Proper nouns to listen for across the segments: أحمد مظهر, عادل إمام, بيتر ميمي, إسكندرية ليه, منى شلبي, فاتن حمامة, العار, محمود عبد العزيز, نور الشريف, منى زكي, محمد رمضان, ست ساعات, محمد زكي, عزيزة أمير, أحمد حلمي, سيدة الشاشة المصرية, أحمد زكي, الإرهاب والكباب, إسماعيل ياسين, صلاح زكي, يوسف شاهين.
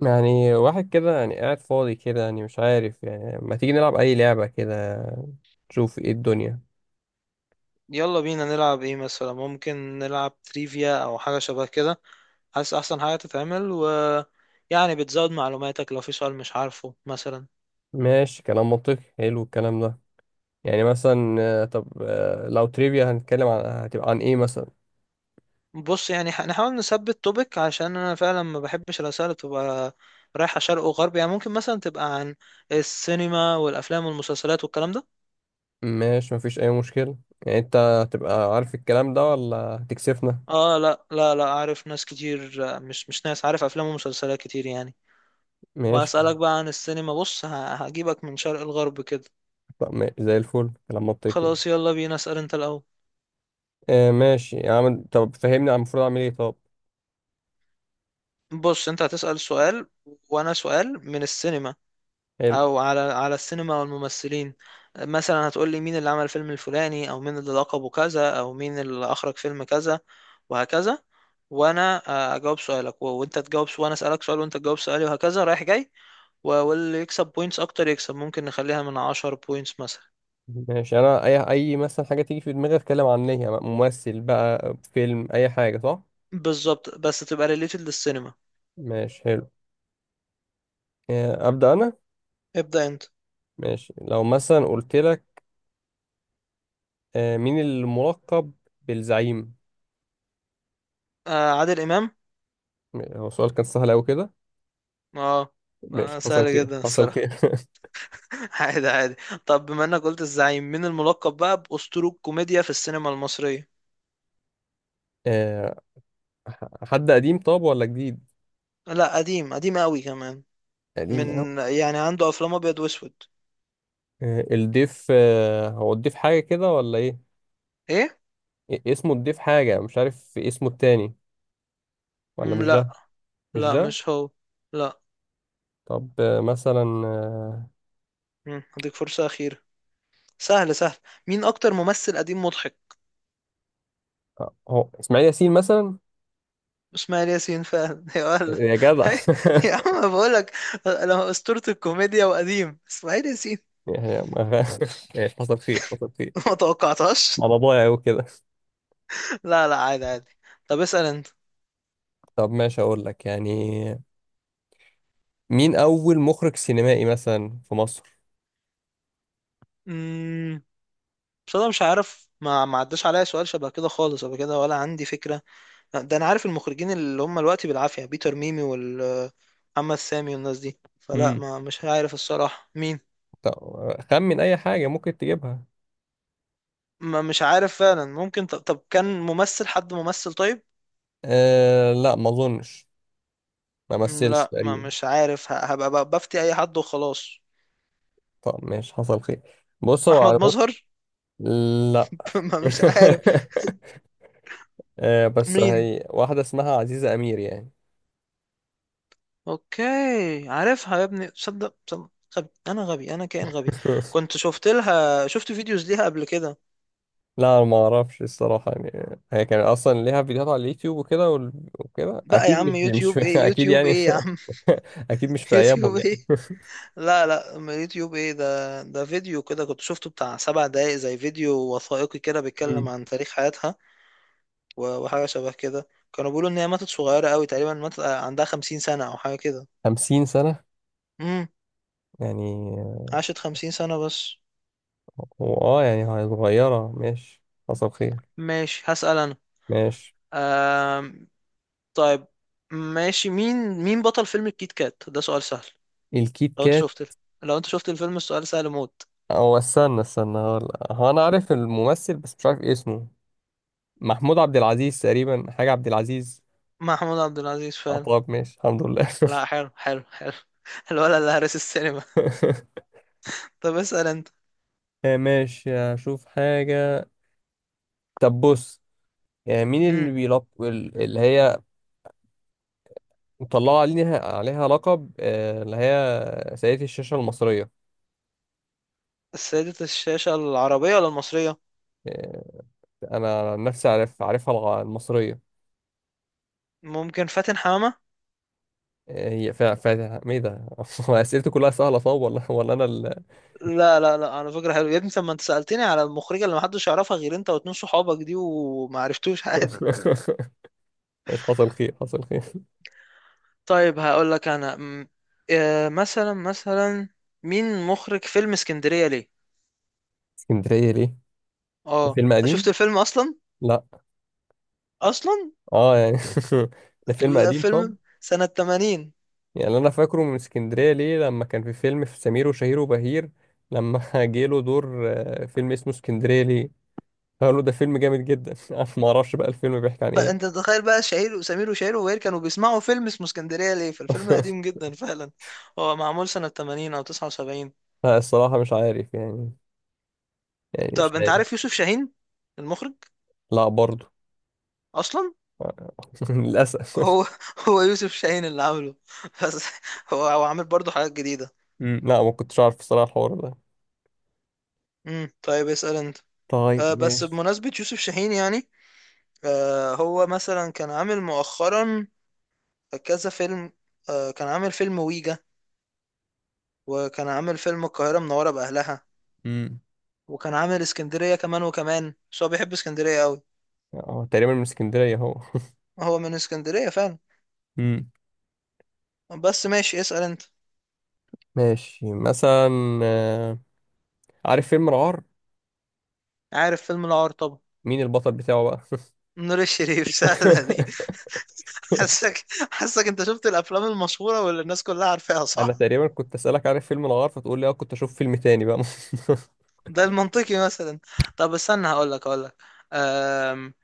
يعني واحد كده، يعني قاعد فاضي كده، يعني مش عارف، يعني ما تيجي نلعب أي لعبة كده، نشوف ايه الدنيا. يلا بينا نلعب ايه مثلا؟ ممكن نلعب تريفيا او حاجة شبه كده. حاسس احسن حاجة تتعمل و يعني بتزود معلوماتك لو في سؤال مش عارفه مثلا. ماشي، كلام منطقي، حلو الكلام ده. يعني مثلا طب، لو تريفيا هنتكلم عن هتبقى عن ايه مثلا؟ بص يعني نحاول نثبت توبيك، عشان انا فعلا ما بحبش الاسئله اللي تبقى رايحه شرق وغرب. يعني ممكن مثلا تبقى عن السينما والافلام والمسلسلات والكلام ده. ماشي، مفيش أي مشكلة. يعني انت هتبقى عارف الكلام ده ولا هتكسفنا؟ اه لا لا لا، عارف ناس كتير، مش ناس، عارف افلام ومسلسلات كتير يعني. ماشي، واسالك بقى عن السينما. بص هجيبك من شرق الغرب كده. طب زي الفل، كلام منطقي. خلاص يلا بينا، اسال انت الاول. آه ماشي يا عم، طب فهمني المفروض أعمل ايه طب؟ بص انت هتسأل سؤال وانا سؤال من السينما، حلو. او على السينما والممثلين. مثلا هتقول لي مين اللي عمل فيلم الفلاني، او مين اللي لقبه كذا، او مين اللي اخرج فيلم كذا، وهكذا. وانا اجاوب سؤالك، وانت تجاوب، وانا اسألك سؤال وانت تجاوب سؤالي، وهكذا رايح جاي. واللي يكسب بوينتس اكتر يكسب. ممكن نخليها من 10 بوينتس مثلا. ماشي انا، اي مثلا حاجه تيجي في دماغي اتكلم عنها، ممثل بقى، فيلم، اي حاجه، صح؟ بالظبط، بس تبقى ريليتد للسينما. ماشي، حلو. ابدا انا. ابدأ انت. ماشي، لو مثلا قلت لك مين الملقب بالزعيم؟ آه، عادل امام. هو السؤال كان سهل قوي كده. اه. ماشي، حصل سهل خير جدا حصل خير. الصراحة. عادي عادي. طب بما انك قلت الزعيم، مين الملقب بقى بأسطورة الكوميديا في السينما المصرية؟ آه، حد قديم، طب، ولا جديد؟ لا، قديم قديم قوي كمان. قديم من قوي. يعني عنده افلام ابيض واسود. الضيف، هو الضيف حاجه كده ولا ايه؟ ايه. إيه اسمه، الضيف حاجه، مش عارف اسمه التاني. ولا مم، مش لا. ده؟ مش لا ده. مش هو. لا. طب مثلا آه، هديك فرصة أخيرة. سهل سهل. مين أكتر ممثل قديم مضحك؟ هو اسماعيل ياسين مثلا. إسماعيل ياسين فعلا. يا ولد. يا جدع يا عم بقول لك، أنا أسطورة الكوميديا وقديم إسماعيل ياسين. ماشي، حصل خير حصل خير. ما توقعتهاش. على ضايع وكده. لا لا، عادي عادي. طب اسأل. طب ماشي، اقول لك، يعني مين اول مخرج سينمائي مثلا في مصر؟ أنت، بس انا مش عارف، ما عداش عليا سؤال شبه كده خالص قبل كده، ولا عندي فكره. ده انا عارف المخرجين اللي هم دلوقتي بالعافيه، بيتر ميمي والمحمد سامي والناس دي، فلا امم ما مش عارف الصراحه مين. طب خمن اي حاجه ممكن تجيبها. ما مش عارف فعلا. ممكن طب كان ممثل، حد ممثل طيب. أه لا، ما اظنش. ما مثلش لا، ما تقريبا. مش عارف، هبقى بفتي اي حد وخلاص. طب ماشي، حصل خير. بص هو احمد على. مظهر. لا. ما مش عارف. أه بس مين؟ هي واحده اسمها عزيزه امير يعني. اوكي. عارفها يا ابني، صدق صدق. غبي انا، غبي انا كائن غبي. كنت شفت فيديوز ليها قبل كده. لا أنا ما اعرفش الصراحه، يعني هي كان اصلا ليها فيديوهات على اليوتيوب وكده، وكده بقى يا اكيد، عم، مش يوتيوب في... ايه، اكيد يوتيوب يعني. ايه يا عم. اكيد مش في يوتيوب ايامهم ايه. يعني. لا لا، ما يوتيوب ايه! ده فيديو كده، كنت شفته بتاع 7 دقايق، زي فيديو وثائقي كده بيتكلم مم. عن تاريخ حياتها. وحاجة شبه كده. كانوا بيقولوا ان هي ماتت صغيرة قوي، تقريبا ماتت عندها 50 سنة او حاجة كده. 50 سنه امم. يعني. عاشت 50 سنة بس. هو يعني هي صغيره، ماشي، حصل خير. ماشي هسأل انا. ماشي، آم... طيب ماشي. مين بطل فيلم الكيت كات؟ ده سؤال سهل. الكيت لو انت كات. شفت لو انت شفت الفيلم، السؤال سهل موت. او استنى استنى، هو انا عارف الممثل بس مش عارف اسمه، محمود عبد العزيز تقريبا، حاجه عبد العزيز. محمود عبد العزيز. طب ماشي، الحمد لله. لا، حلو حلو حلو. الولد اللي هرس السينما. طب اسأل انت. ماشي اشوف حاجه. طب بص، يعني مين امم. اللي اللي هي مطلعة عليها لقب اللي هي سيدة الشاشة المصرية؟ السيدة الشاشة العربية ولا المصرية؟ آه، أنا عن نفسي عارف، عارفها المصرية. ممكن فاتن حمامة. هي فا. ما إيه ده؟ هو أسئلتي كلها سهلة، صعب ولا أنا ال... لا لا لا، على فكرة حلو يا ابني. طب ما انت سألتني على المخرجة اللي محدش يعرفها غير انت واتنين صحابك دي، وما عرفتوش. عادي. مش، حصل خير حصل خير. طيب هقول لك انا مثلا، مين مخرج فيلم اسكندرية ليه؟ اسكندرية ليه؟ ده اه، فيلم انت شفت قديم؟ الفيلم اصلا لا. اصلا اه يعني. ده فيلم لا، قديم طب. فيلم سنة 80. يعني أنا فاكره من اسكندرية ليه لما كان في فيلم في سمير وشهير وبهير، لما جه له دور فيلم اسمه اسكندرية ليه. قالوا له ده فيلم جامد جدا. انا ما اعرفش بقى الفيلم بيحكي عن انت ايه. تتخيل بقى، شهير وسمير وشهير وبهير كانوا بيسمعوا فيلم اسمه اسكندريه ليه؟ فالفيلم قديم جدا فعلا. هو معمول سنه 80 او 79. لا، الصراحة مش عارف يعني. يعني مش طب انت عارف. عارف يوسف شاهين المخرج لا برضو. اصلا؟ للأسف. هو هو يوسف شاهين اللي عامله. بس هو عامل برضه حاجات جديده. مم، لا ما كنتش عارف الصراحة الحوار ده. طيب اسال انت. طيب بس ماشي. بمناسبه يوسف شاهين يعني، هو مثلا كان عامل مؤخرا كذا فيلم. كان عامل فيلم ويجا، وكان عامل فيلم القاهره منوره باهلها، مم. وكان عامل اسكندرية كمان وكمان. بس هو بيحب اسكندرية قوي. اه تقريبا من اسكندرية اهو. هو من اسكندرية فعلا. مم. بس ماشي، اسأل انت. ماشي مثلا، آه، عارف فيلم العار، عارف فيلم العار طبعا. مين البطل بتاعه بقى؟ نور الشريف. سهلة دي. حاسك حاسك انت شفت الافلام المشهورة واللي الناس كلها عارفاها، انا صح؟ تقريبا كنت اسالك عارف فيلم العار، فتقول لي اه، كنت اشوف فيلم تاني بقى. ده المنطقي مثلا. طب استنى، هقول لك. أم...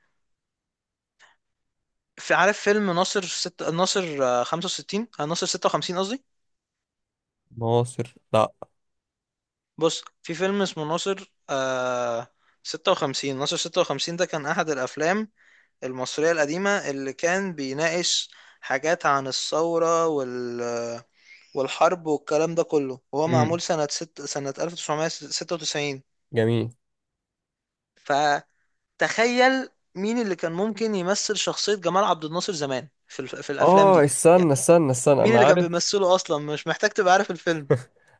في، عارف فيلم ناصر ناصر 65، ناصر 56 قصدي. ناصر لا. بص في فيلم اسمه ناصر 56، ناصر 56 ده كان احد الافلام المصرية القديمة اللي كان بيناقش حاجات عن الثورة والحرب والكلام ده كله، وهو مم. معمول سنة 1996. جميل. فتخيل، مين اللي كان ممكن يمثل شخصية جمال عبد الناصر زمان في الأفلام اه، دي؟ يعني استنى استنى استنى، مين انا اللي كان عارف، بيمثله أصلا؟ مش محتاج تبقى عارف الفيلم.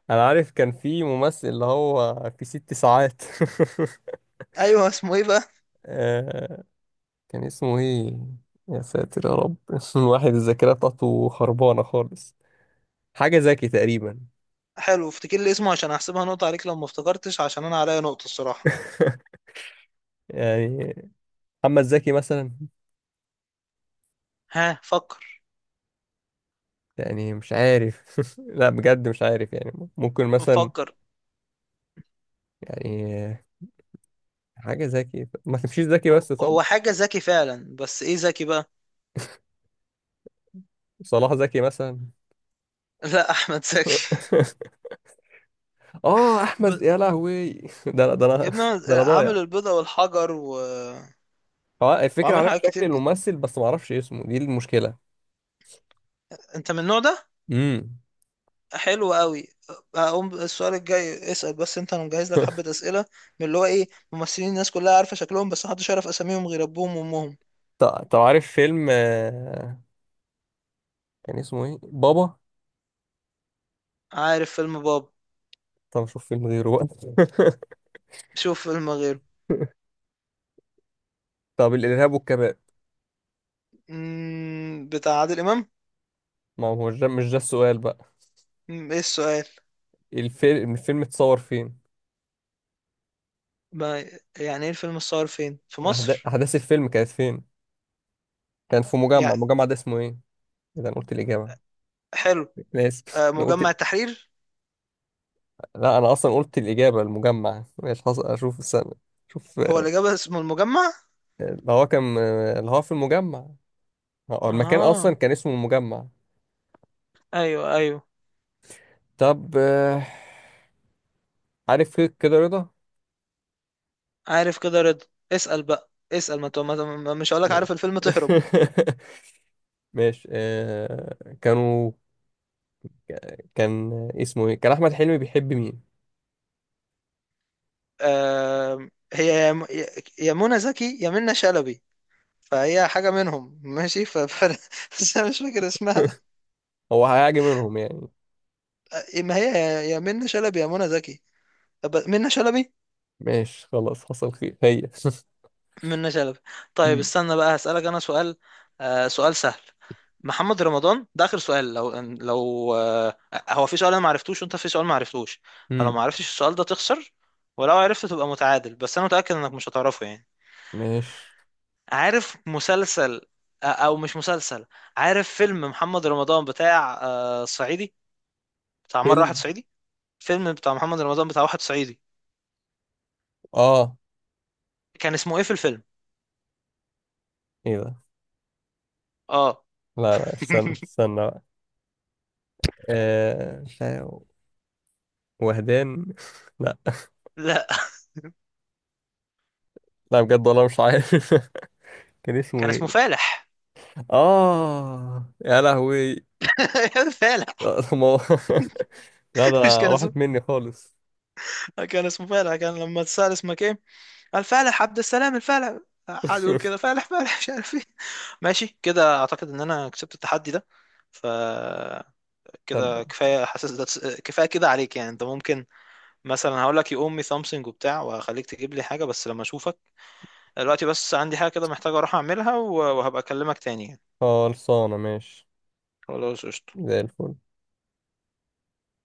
انا عارف كان في ممثل اللي هو في ست ساعات. أيوه، اسمه إيه بقى؟ آه، كان اسمه ايه؟ يا ساتر يا رب، الواحد الذاكرة بتاعته خربانة خالص. حاجة زكي تقريبا. حلو، افتكر لي اسمه عشان أحسبها نقطة عليك لو ما افتكرتش، عشان أنا عليا نقطة الصراحة. يعني محمد زكي مثلا. ها، فكر. يعني مش عارف. لا بجد مش عارف يعني، ممكن مثلا. فكر. يعني حاجة زكي، ما تمشيش زكي هو بس طب. هو حاجة ذكي فعلا، بس إيه ذكي بقى؟ صلاح زكي مثلا. لا، احمد زكي. اه احمد، ب- يا لهوي. ده يا انا، ابني، ده انا ضايع. عامل البيضة والحجر اه، الفكرة وعامل عارف حاجات شكل كتير جدا. الممثل بس ما اعرفش اسمه، دي المشكلة. انت من النوع ده. امم. حلو قوي. هقوم السؤال الجاي اسأل، بس انت انا مجهز لك حبة اسئلة من اللي هو ايه، ممثلين الناس كلها عارفة شكلهم بس محدش يعرف اساميهم غير ابوهم وامهم. طب عارف فيلم، كان اسمه ايه بابا؟ عارف فيلم باب. طب اشوف فيلم غيره بقى. شوف فيلم غيره. طب، الارهاب والكباب. بتاع عادل امام. ما هو مش ده، مش ده السؤال بقى. ايه السؤال؟ الفيلم اتصور فين؟ ما يعني ايه الفيلم الصور فين في مصر؟ احداث الفيلم كانت فين؟ كان في مجمع، يعني. المجمع ده اسمه ايه؟ اذا انا قلت الاجابة، حلو. انا اسف، انا قلت. مجمع التحرير. لا انا اصلا قلت الاجابة، المجمع. ماشي، حصل، اشوف السنة. شوف هو الإجابة اسمه المجمع. اللي هو في المجمع. هو المكان اصلا اه، كان اسمه المجمع. ايوه ايوه. طب عارف فيك كده رضا. عارف كده رضا. اسأل بقى اسأل، ما, تو- ما ما- مش هقولك نعم. عارف الفيلم تهرب. ماشي كان اسمه ايه، كان احمد حلمي بيحب مين؟ هي يا منى زكي يا منى شلبي، فهي حاجة منهم ماشي. بس أنا مش فاكر اسمها. هو هيعجب منهم يعني. ما هي يا منى شلبي يا منى زكي. طب منى شلبي. ماشي، خلاص، حصل خير هي. منة شلبي. طيب مم. استنى بقى، هسألك أنا سؤال. سؤال سهل. محمد رمضان ده آخر سؤال. لو لو آه هو في سؤال أنا معرفتوش وأنت في سؤال معرفتوش، فلو مم. معرفتش السؤال ده تخسر، ولو عرفت تبقى متعادل. بس أنا متأكد إنك مش هتعرفه يعني. ماشي، عارف مسلسل، أو مش مسلسل، عارف فيلم محمد رمضان بتاع صعيدي، بتاع مرة واحد فيلم. صعيدي. فيلم بتاع محمد رمضان بتاع واحد صعيدي، اه كان اسمه إيه في الفيلم؟ ايه ده؟ آه. لا لا، استنى استنى بقى. مش عارف. وهدان لا. لا. لا بجد والله مش عارف. كان اسمه كان اسمه ايه؟ فالح. اه يا لهوي. فالح. لا طب ما هو- لا ده، مش كان راحت اسمه، مني خالص. كان اسمه فالح. كان لما اتسأل اسمك ايه قال فالح عبد السلام الفالح. قعد يقول كده فالح فالح مش عارف ايه. ماشي كده، اعتقد ان انا كسبت التحدي ده. ف طب، كده كفايه، حاسس ده كفايه كده عليك. يعني انت ممكن مثلا هقول لك يقوم مي سامسونج وبتاع، وهخليك تجيب لي حاجه بس لما اشوفك. دلوقتي بس عندي حاجه كده محتاج اروح اعملها، وهبقى اكلمك تاني يعني. خلصانة ماشي. خلاص قشطة. زي الفل.